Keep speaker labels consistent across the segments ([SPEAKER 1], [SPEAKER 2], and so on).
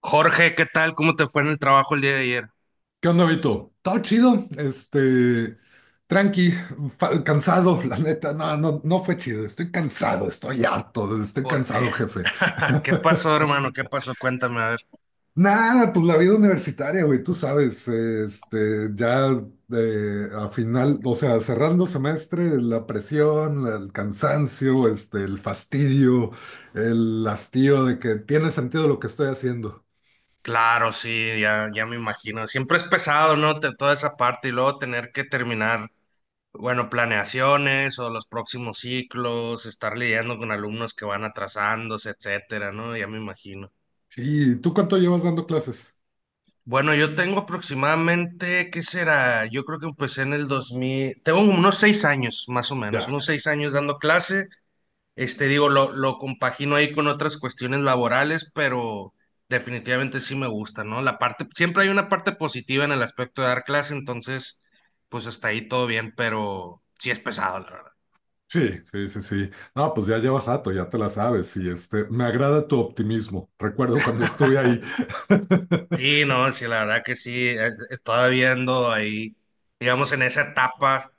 [SPEAKER 1] Jorge, ¿qué tal? ¿Cómo te fue en el trabajo el día de ayer?
[SPEAKER 2] ¿Qué onda, Vito? Todo chido, tranqui, cansado, la neta, no, no, no fue chido, estoy cansado, estoy harto, estoy
[SPEAKER 1] ¿Por ¿qué
[SPEAKER 2] cansado, jefe.
[SPEAKER 1] ¿Qué pasó, hermano? ¿Qué pasó? Cuéntame, a ver.
[SPEAKER 2] Nada, pues la vida universitaria, güey, tú sabes, ya a final, o sea, cerrando semestre, la presión, el cansancio, el fastidio, el hastío de que tiene sentido lo que estoy haciendo.
[SPEAKER 1] Claro, sí, ya me imagino. Siempre es pesado, ¿no? Toda esa parte y luego tener que terminar, bueno, planeaciones o los próximos ciclos, estar lidiando con alumnos que van atrasándose, etcétera, ¿no? Ya me imagino.
[SPEAKER 2] ¿Y tú cuánto llevas dando clases?
[SPEAKER 1] Bueno, yo tengo aproximadamente, ¿qué será? Yo creo que empecé en el 2000, tengo como unos seis años, más o menos, unos seis años dando clase. Este, digo, lo compagino ahí con otras cuestiones laborales, pero definitivamente sí me gusta, ¿no? La parte, siempre hay una parte positiva en el aspecto de dar clase, entonces, pues hasta ahí todo bien, pero sí es pesado, la verdad.
[SPEAKER 2] Sí, sí, sí, sí. No, pues ya llevas rato, ya te la sabes. Y me agrada tu optimismo. Recuerdo cuando estuve ahí.
[SPEAKER 1] Sí, no, sí, la verdad que sí, estaba viendo ahí, digamos, en esa etapa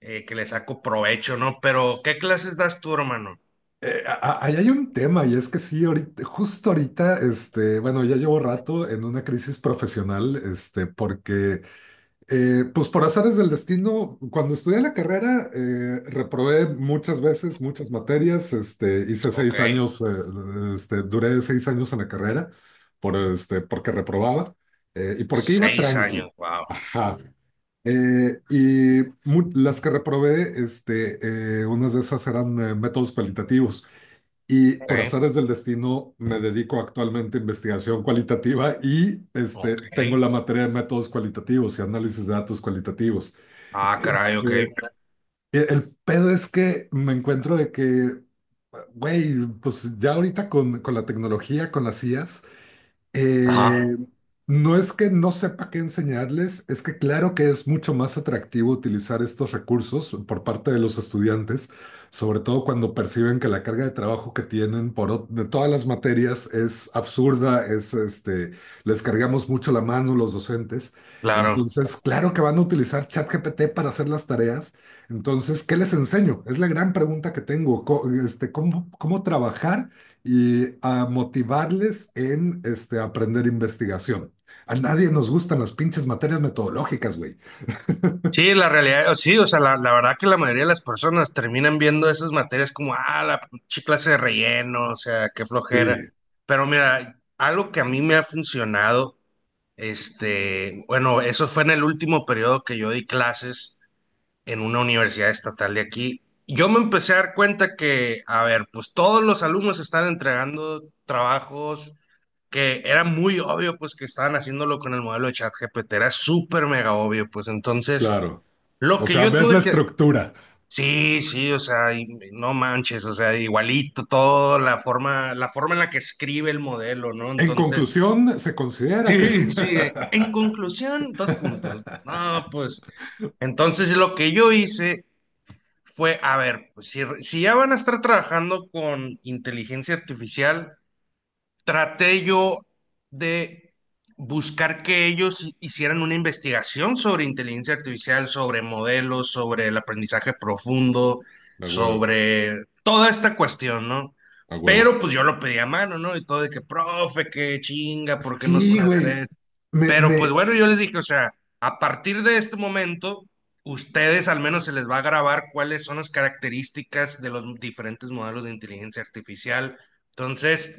[SPEAKER 1] que le saco provecho, ¿no? Pero, ¿qué clases das tú, hermano?
[SPEAKER 2] Eh, a- ahí hay un tema, y es que sí, justo ahorita, bueno, ya llevo rato en una crisis profesional, porque, pues por azares del destino, cuando estudié la carrera, reprobé muchas veces, muchas materias, hice
[SPEAKER 1] Ok,
[SPEAKER 2] 6 años, duré 6 años en la carrera, porque reprobaba, y porque iba
[SPEAKER 1] seis años,
[SPEAKER 2] tranqui.
[SPEAKER 1] wow,
[SPEAKER 2] Ajá. Las que reprobé, unas de esas eran métodos cualitativos. Y por
[SPEAKER 1] ok,
[SPEAKER 2] azares del destino me dedico actualmente a investigación cualitativa y,
[SPEAKER 1] ok,
[SPEAKER 2] tengo la materia de métodos cualitativos y análisis de datos cualitativos.
[SPEAKER 1] ah, caray, ok,
[SPEAKER 2] Este, el pedo es que me encuentro de que, güey, pues ya ahorita con la tecnología, con las IAs,
[SPEAKER 1] ajá,
[SPEAKER 2] eh, no es que no sepa qué enseñarles, es que claro que es mucho más atractivo utilizar estos recursos por parte de los estudiantes, sobre todo cuando perciben que la carga de trabajo que tienen de todas las materias es absurda, es, les cargamos mucho la mano los docentes.
[SPEAKER 1] claro.
[SPEAKER 2] Entonces, claro que van a utilizar ChatGPT para hacer las tareas. Entonces, ¿qué les enseño? Es la gran pregunta que tengo. ¿Cómo trabajar y a motivarles en, aprender investigación? A nadie nos gustan las pinches materias metodológicas, güey.
[SPEAKER 1] Sí, la realidad, sí, o sea, la verdad que la mayoría de las personas terminan viendo esas materias como, ah, la pinche clase de relleno, o sea, qué flojera.
[SPEAKER 2] Sí,
[SPEAKER 1] Pero mira, algo que a mí me ha funcionado, este, bueno, eso fue en el último periodo que yo di clases en una universidad estatal de aquí. Yo me empecé a dar cuenta que, a ver, pues todos los alumnos están entregando trabajos que era muy obvio, pues que estaban haciéndolo con el modelo de ChatGPT, era súper mega obvio, pues entonces
[SPEAKER 2] claro.
[SPEAKER 1] lo
[SPEAKER 2] O
[SPEAKER 1] que
[SPEAKER 2] sea,
[SPEAKER 1] yo
[SPEAKER 2] ves
[SPEAKER 1] tuve
[SPEAKER 2] la
[SPEAKER 1] que...
[SPEAKER 2] estructura.
[SPEAKER 1] Sí, sí, o sea, y no manches, o sea, igualito todo, la forma en la que escribe el modelo, ¿no?
[SPEAKER 2] En
[SPEAKER 1] Entonces,
[SPEAKER 2] conclusión, se considera que…
[SPEAKER 1] sí, sí, en conclusión, dos puntos. No, pues, entonces lo que yo hice fue, a ver, pues si, si ya van a estar trabajando con inteligencia artificial, traté yo de buscar que ellos hicieran una investigación sobre inteligencia artificial, sobre modelos, sobre el aprendizaje profundo,
[SPEAKER 2] A huevo,
[SPEAKER 1] sobre toda esta cuestión, ¿no?
[SPEAKER 2] a huevo.
[SPEAKER 1] Pero pues yo lo pedí a mano, ¿no? Y todo de que, profe, qué chinga, ¿por qué nos
[SPEAKER 2] Sí,
[SPEAKER 1] pone a hacer
[SPEAKER 2] güey.
[SPEAKER 1] esto?
[SPEAKER 2] Me,
[SPEAKER 1] Pero pues
[SPEAKER 2] me,
[SPEAKER 1] bueno, yo les dije, o sea, a partir de este momento, ustedes al menos se les va a grabar cuáles son las características de los diferentes modelos de inteligencia artificial. Entonces,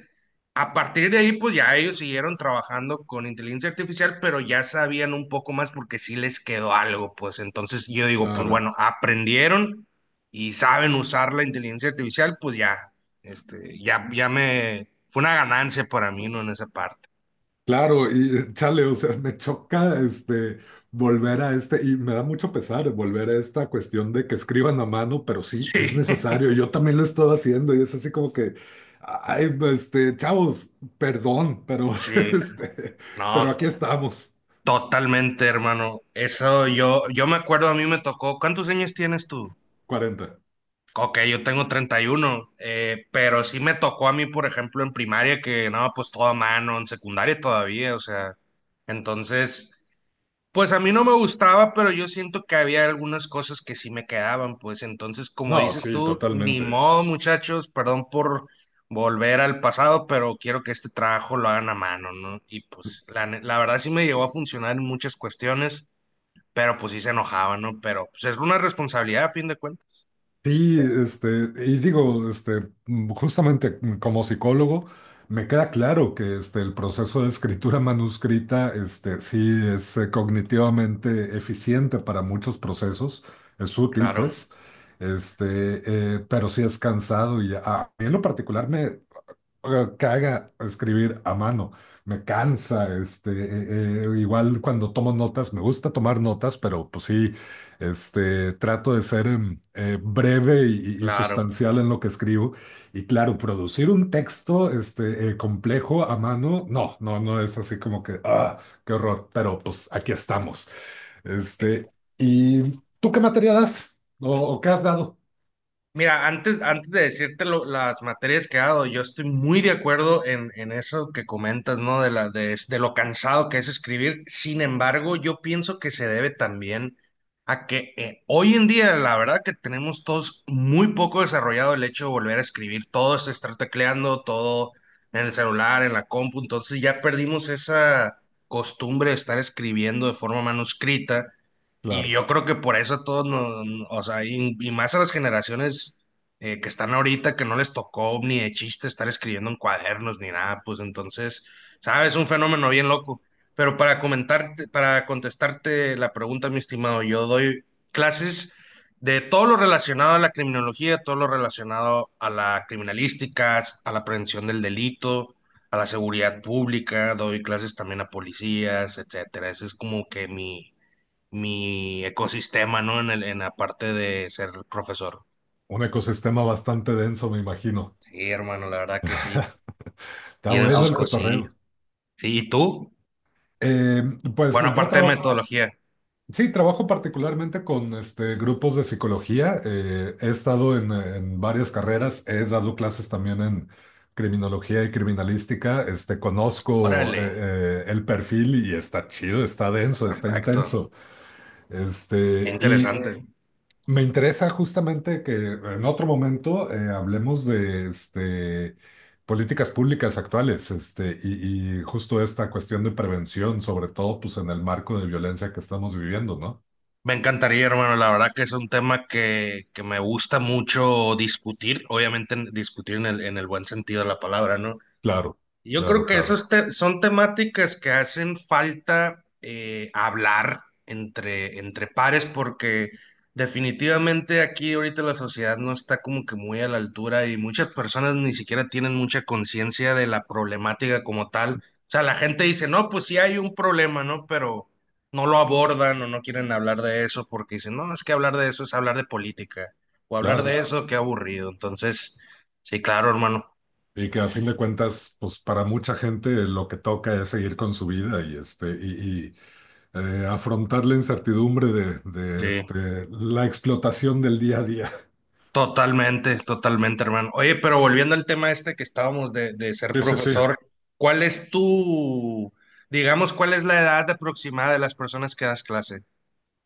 [SPEAKER 1] a partir de ahí, pues ya ellos siguieron trabajando con inteligencia artificial, pero ya sabían un poco más porque sí les quedó algo, pues entonces yo digo, pues
[SPEAKER 2] claro.
[SPEAKER 1] bueno, aprendieron y saben usar la inteligencia artificial, pues ya, este, ya me, fue una ganancia para mí, ¿no? En esa parte.
[SPEAKER 2] Claro, y chale, o sea, me choca, volver y me da mucho pesar volver a esta cuestión de que escriban a mano, pero sí, es necesario. Yo también lo he estado haciendo, y es así como que, ay, pues, chavos, perdón, pero
[SPEAKER 1] Sí, sí.
[SPEAKER 2] este, pero
[SPEAKER 1] No,
[SPEAKER 2] aquí estamos.
[SPEAKER 1] totalmente, hermano. Eso yo, me acuerdo, a mí me tocó. ¿Cuántos años tienes tú?
[SPEAKER 2] 40.
[SPEAKER 1] Ok, yo tengo 31, pero sí me tocó a mí, por ejemplo, en primaria, que no, pues todo a mano, en secundaria todavía, o sea, entonces. Pues a mí no me gustaba, pero yo siento que había algunas cosas que sí me quedaban, pues entonces, como
[SPEAKER 2] No,
[SPEAKER 1] dices
[SPEAKER 2] sí,
[SPEAKER 1] tú, ni
[SPEAKER 2] totalmente.
[SPEAKER 1] modo, muchachos, perdón por volver al pasado, pero quiero que este trabajo lo hagan a mano, ¿no? Y pues la, la verdad sí me llegó a funcionar en muchas cuestiones, pero pues sí se enojaba, ¿no? Pero pues es una responsabilidad a fin de cuentas.
[SPEAKER 2] Sí, y digo, justamente, como psicólogo, me queda claro que, el proceso de escritura manuscrita, sí es cognitivamente eficiente para muchos procesos, es útil,
[SPEAKER 1] Claro,
[SPEAKER 2] pues, pero sí es cansado y a mí en lo particular me caga escribir a mano, me cansa, igual cuando tomo notas, me gusta tomar notas, pero pues sí, trato de ser breve y
[SPEAKER 1] claro.
[SPEAKER 2] sustancial en lo que escribo. Y claro, producir un texto, complejo a mano, no, no, no es así como que, ah, qué horror, pero pues aquí estamos. Este, ¿y tú qué materia das? ¿O qué has dado?
[SPEAKER 1] Mira, antes, antes de decirte las materias que he dado, yo estoy muy de acuerdo en eso que comentas, ¿no? De la, de lo cansado que es escribir. Sin embargo, yo pienso que se debe también a que hoy en día, la verdad que tenemos todos muy poco desarrollado el hecho de volver a escribir. Todo es estar tecleando, todo en el celular, en la compu. Entonces ya perdimos esa costumbre de estar escribiendo de forma manuscrita. Y yo
[SPEAKER 2] Claro,
[SPEAKER 1] creo que por eso a todos nos, o sea, y más a las generaciones que están ahorita, que no les tocó ni de chiste estar escribiendo en cuadernos ni nada, pues entonces, ¿sabes? Un fenómeno bien loco. Pero para comentarte, para contestarte la pregunta, mi estimado, yo doy clases de todo lo relacionado a la criminología, todo lo relacionado a la criminalística, a la prevención del delito, a la seguridad pública, doy clases también a policías, etcétera. Ese es como que mi ecosistema, ¿no? En el, en la parte de ser profesor.
[SPEAKER 2] un ecosistema bastante denso, me imagino.
[SPEAKER 1] Sí, hermano, la verdad que sí.
[SPEAKER 2] Está
[SPEAKER 1] Tienen Ah,
[SPEAKER 2] bueno
[SPEAKER 1] sus
[SPEAKER 2] el
[SPEAKER 1] bueno.
[SPEAKER 2] cotorreo.
[SPEAKER 1] cosillas. Sí, ¿y tú?
[SPEAKER 2] Eh, pues
[SPEAKER 1] Bueno,
[SPEAKER 2] yo
[SPEAKER 1] aparte de
[SPEAKER 2] trabajo,
[SPEAKER 1] metodología.
[SPEAKER 2] sí, trabajo particularmente con, grupos de psicología. He estado en varias carreras, he dado clases también en criminología y criminalística. Conozco
[SPEAKER 1] Órale,
[SPEAKER 2] el perfil y está chido, está denso, está
[SPEAKER 1] perfecto.
[SPEAKER 2] intenso.
[SPEAKER 1] Qué
[SPEAKER 2] Este, y
[SPEAKER 1] Interesante.
[SPEAKER 2] Me interesa justamente que en otro momento hablemos de, políticas públicas actuales, y justo esta cuestión de prevención, sobre todo pues en el marco de violencia que estamos viviendo, ¿no?
[SPEAKER 1] Me encantaría, hermano. La verdad que es un tema que me gusta mucho discutir. Obviamente discutir en el buen sentido de la palabra, ¿no?
[SPEAKER 2] Claro,
[SPEAKER 1] Yo
[SPEAKER 2] claro,
[SPEAKER 1] creo que
[SPEAKER 2] claro,
[SPEAKER 1] esas son temáticas que hacen falta hablar entre, entre pares porque definitivamente aquí ahorita la sociedad no está como que muy a la altura y muchas personas ni siquiera tienen mucha conciencia de la problemática como tal. O sea, la gente dice, no, pues sí hay un problema, ¿no? Pero no lo abordan o no quieren hablar de eso porque dicen, no, es que hablar de eso es hablar de política o hablar de
[SPEAKER 2] claro.
[SPEAKER 1] eso, qué aburrido. Entonces, sí, claro, hermano.
[SPEAKER 2] Y que a fin de cuentas, pues para mucha gente lo que toca es seguir con su vida y, afrontar la incertidumbre de
[SPEAKER 1] Sí.
[SPEAKER 2] la explotación del día a día.
[SPEAKER 1] Totalmente, totalmente, hermano. Oye, pero volviendo al tema este que estábamos de ser
[SPEAKER 2] Sí, sí, sí.
[SPEAKER 1] profesor, ¿cuál es tu, digamos, cuál es la edad aproximada de las personas que das clase?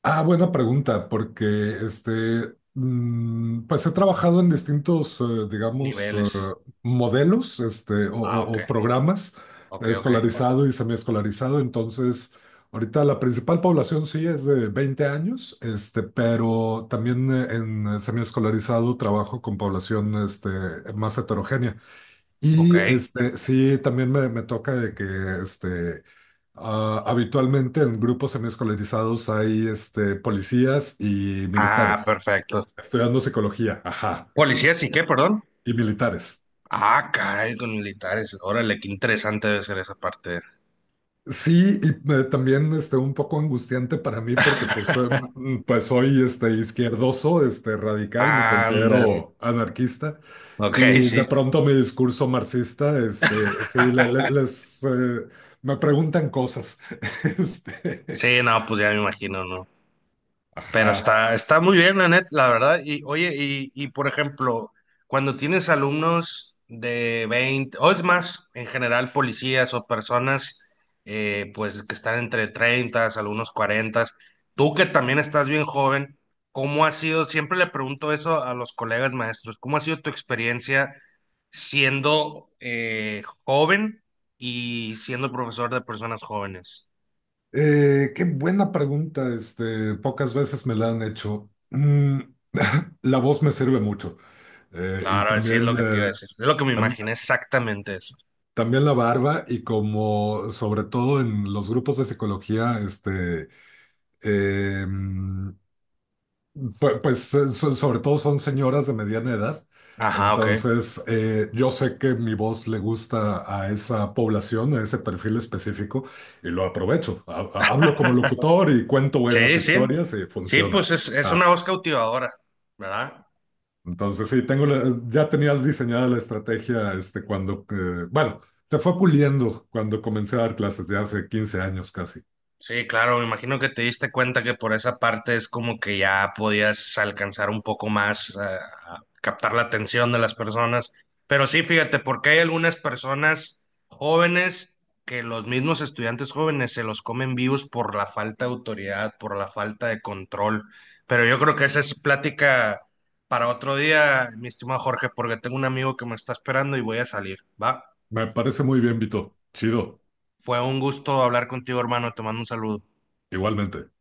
[SPEAKER 2] Ah, buena pregunta, porque pues he trabajado en distintos, digamos,
[SPEAKER 1] Niveles.
[SPEAKER 2] modelos, o,
[SPEAKER 1] Ah,
[SPEAKER 2] o-
[SPEAKER 1] ok,
[SPEAKER 2] o programas,
[SPEAKER 1] ok, ok,
[SPEAKER 2] escolarizado y semiescolarizado. Entonces, ahorita la principal población sí es de 20 años, pero también en, semiescolarizado trabajo con población, más heterogénea.
[SPEAKER 1] ok.
[SPEAKER 2] Y, sí, también me toca de que, este, ah, habitualmente en grupos semiescolarizados hay, policías y
[SPEAKER 1] Ah,
[SPEAKER 2] militares,
[SPEAKER 1] perfecto.
[SPEAKER 2] estudiando psicología, ajá,
[SPEAKER 1] ¿Policías y qué, perdón?
[SPEAKER 2] y militares.
[SPEAKER 1] Ah, caray, con militares. Órale, qué interesante debe ser esa parte.
[SPEAKER 2] Sí, y también, un poco angustiante para mí porque pues soy, izquierdoso, radical, me
[SPEAKER 1] Ándale.
[SPEAKER 2] considero anarquista,
[SPEAKER 1] Ok,
[SPEAKER 2] y de
[SPEAKER 1] sí.
[SPEAKER 2] pronto mi discurso marxista, sí, me preguntan cosas. Este,
[SPEAKER 1] Sí, no, pues ya me imagino, ¿no? Pero
[SPEAKER 2] Ajá.
[SPEAKER 1] está, está muy bien, la net, la verdad. Y oye, y por ejemplo, cuando tienes alumnos de 20, o es más, en general, policías o personas pues que están entre 30, algunos 40, tú que también estás bien joven, ¿cómo ha sido? Siempre le pregunto eso a los colegas maestros, ¿cómo ha sido tu experiencia siendo joven y siendo profesor de personas jóvenes?
[SPEAKER 2] Qué buena pregunta, pocas veces me la han hecho. La voz me sirve mucho. Y
[SPEAKER 1] Claro, sí es
[SPEAKER 2] también,
[SPEAKER 1] lo que te iba a decir. Es lo que me
[SPEAKER 2] tam-
[SPEAKER 1] imaginé exactamente.
[SPEAKER 2] también la barba, y como sobre todo en los grupos de psicología, em, sobre todo son señoras de mediana edad,
[SPEAKER 1] Ajá, ok.
[SPEAKER 2] entonces yo sé que mi voz le gusta a esa población, a ese perfil específico, y lo aprovecho. Hablo como locutor y cuento buenas
[SPEAKER 1] Sí, sí.
[SPEAKER 2] historias, y
[SPEAKER 1] Sí, pues
[SPEAKER 2] funciona.
[SPEAKER 1] es una
[SPEAKER 2] Ajá.
[SPEAKER 1] voz cautivadora, ¿verdad?
[SPEAKER 2] Entonces sí, tengo ya tenía diseñada la estrategia, cuando, bueno, se fue puliendo cuando comencé a dar clases de hace 15 años casi.
[SPEAKER 1] Sí, claro, me imagino que te diste cuenta que por esa parte es como que ya podías alcanzar un poco más, a captar la atención de las personas. Pero sí, fíjate, porque hay algunas personas jóvenes que los mismos estudiantes jóvenes se los comen vivos por la falta de autoridad, por la falta de control. Pero yo creo que esa es plática para otro día, mi estimado Jorge, porque tengo un amigo que me está esperando y voy a salir, ¿va?
[SPEAKER 2] Me parece muy bien, Vito. Chido,
[SPEAKER 1] Fue un gusto hablar contigo, hermano, te mando un saludo.
[SPEAKER 2] igualmente.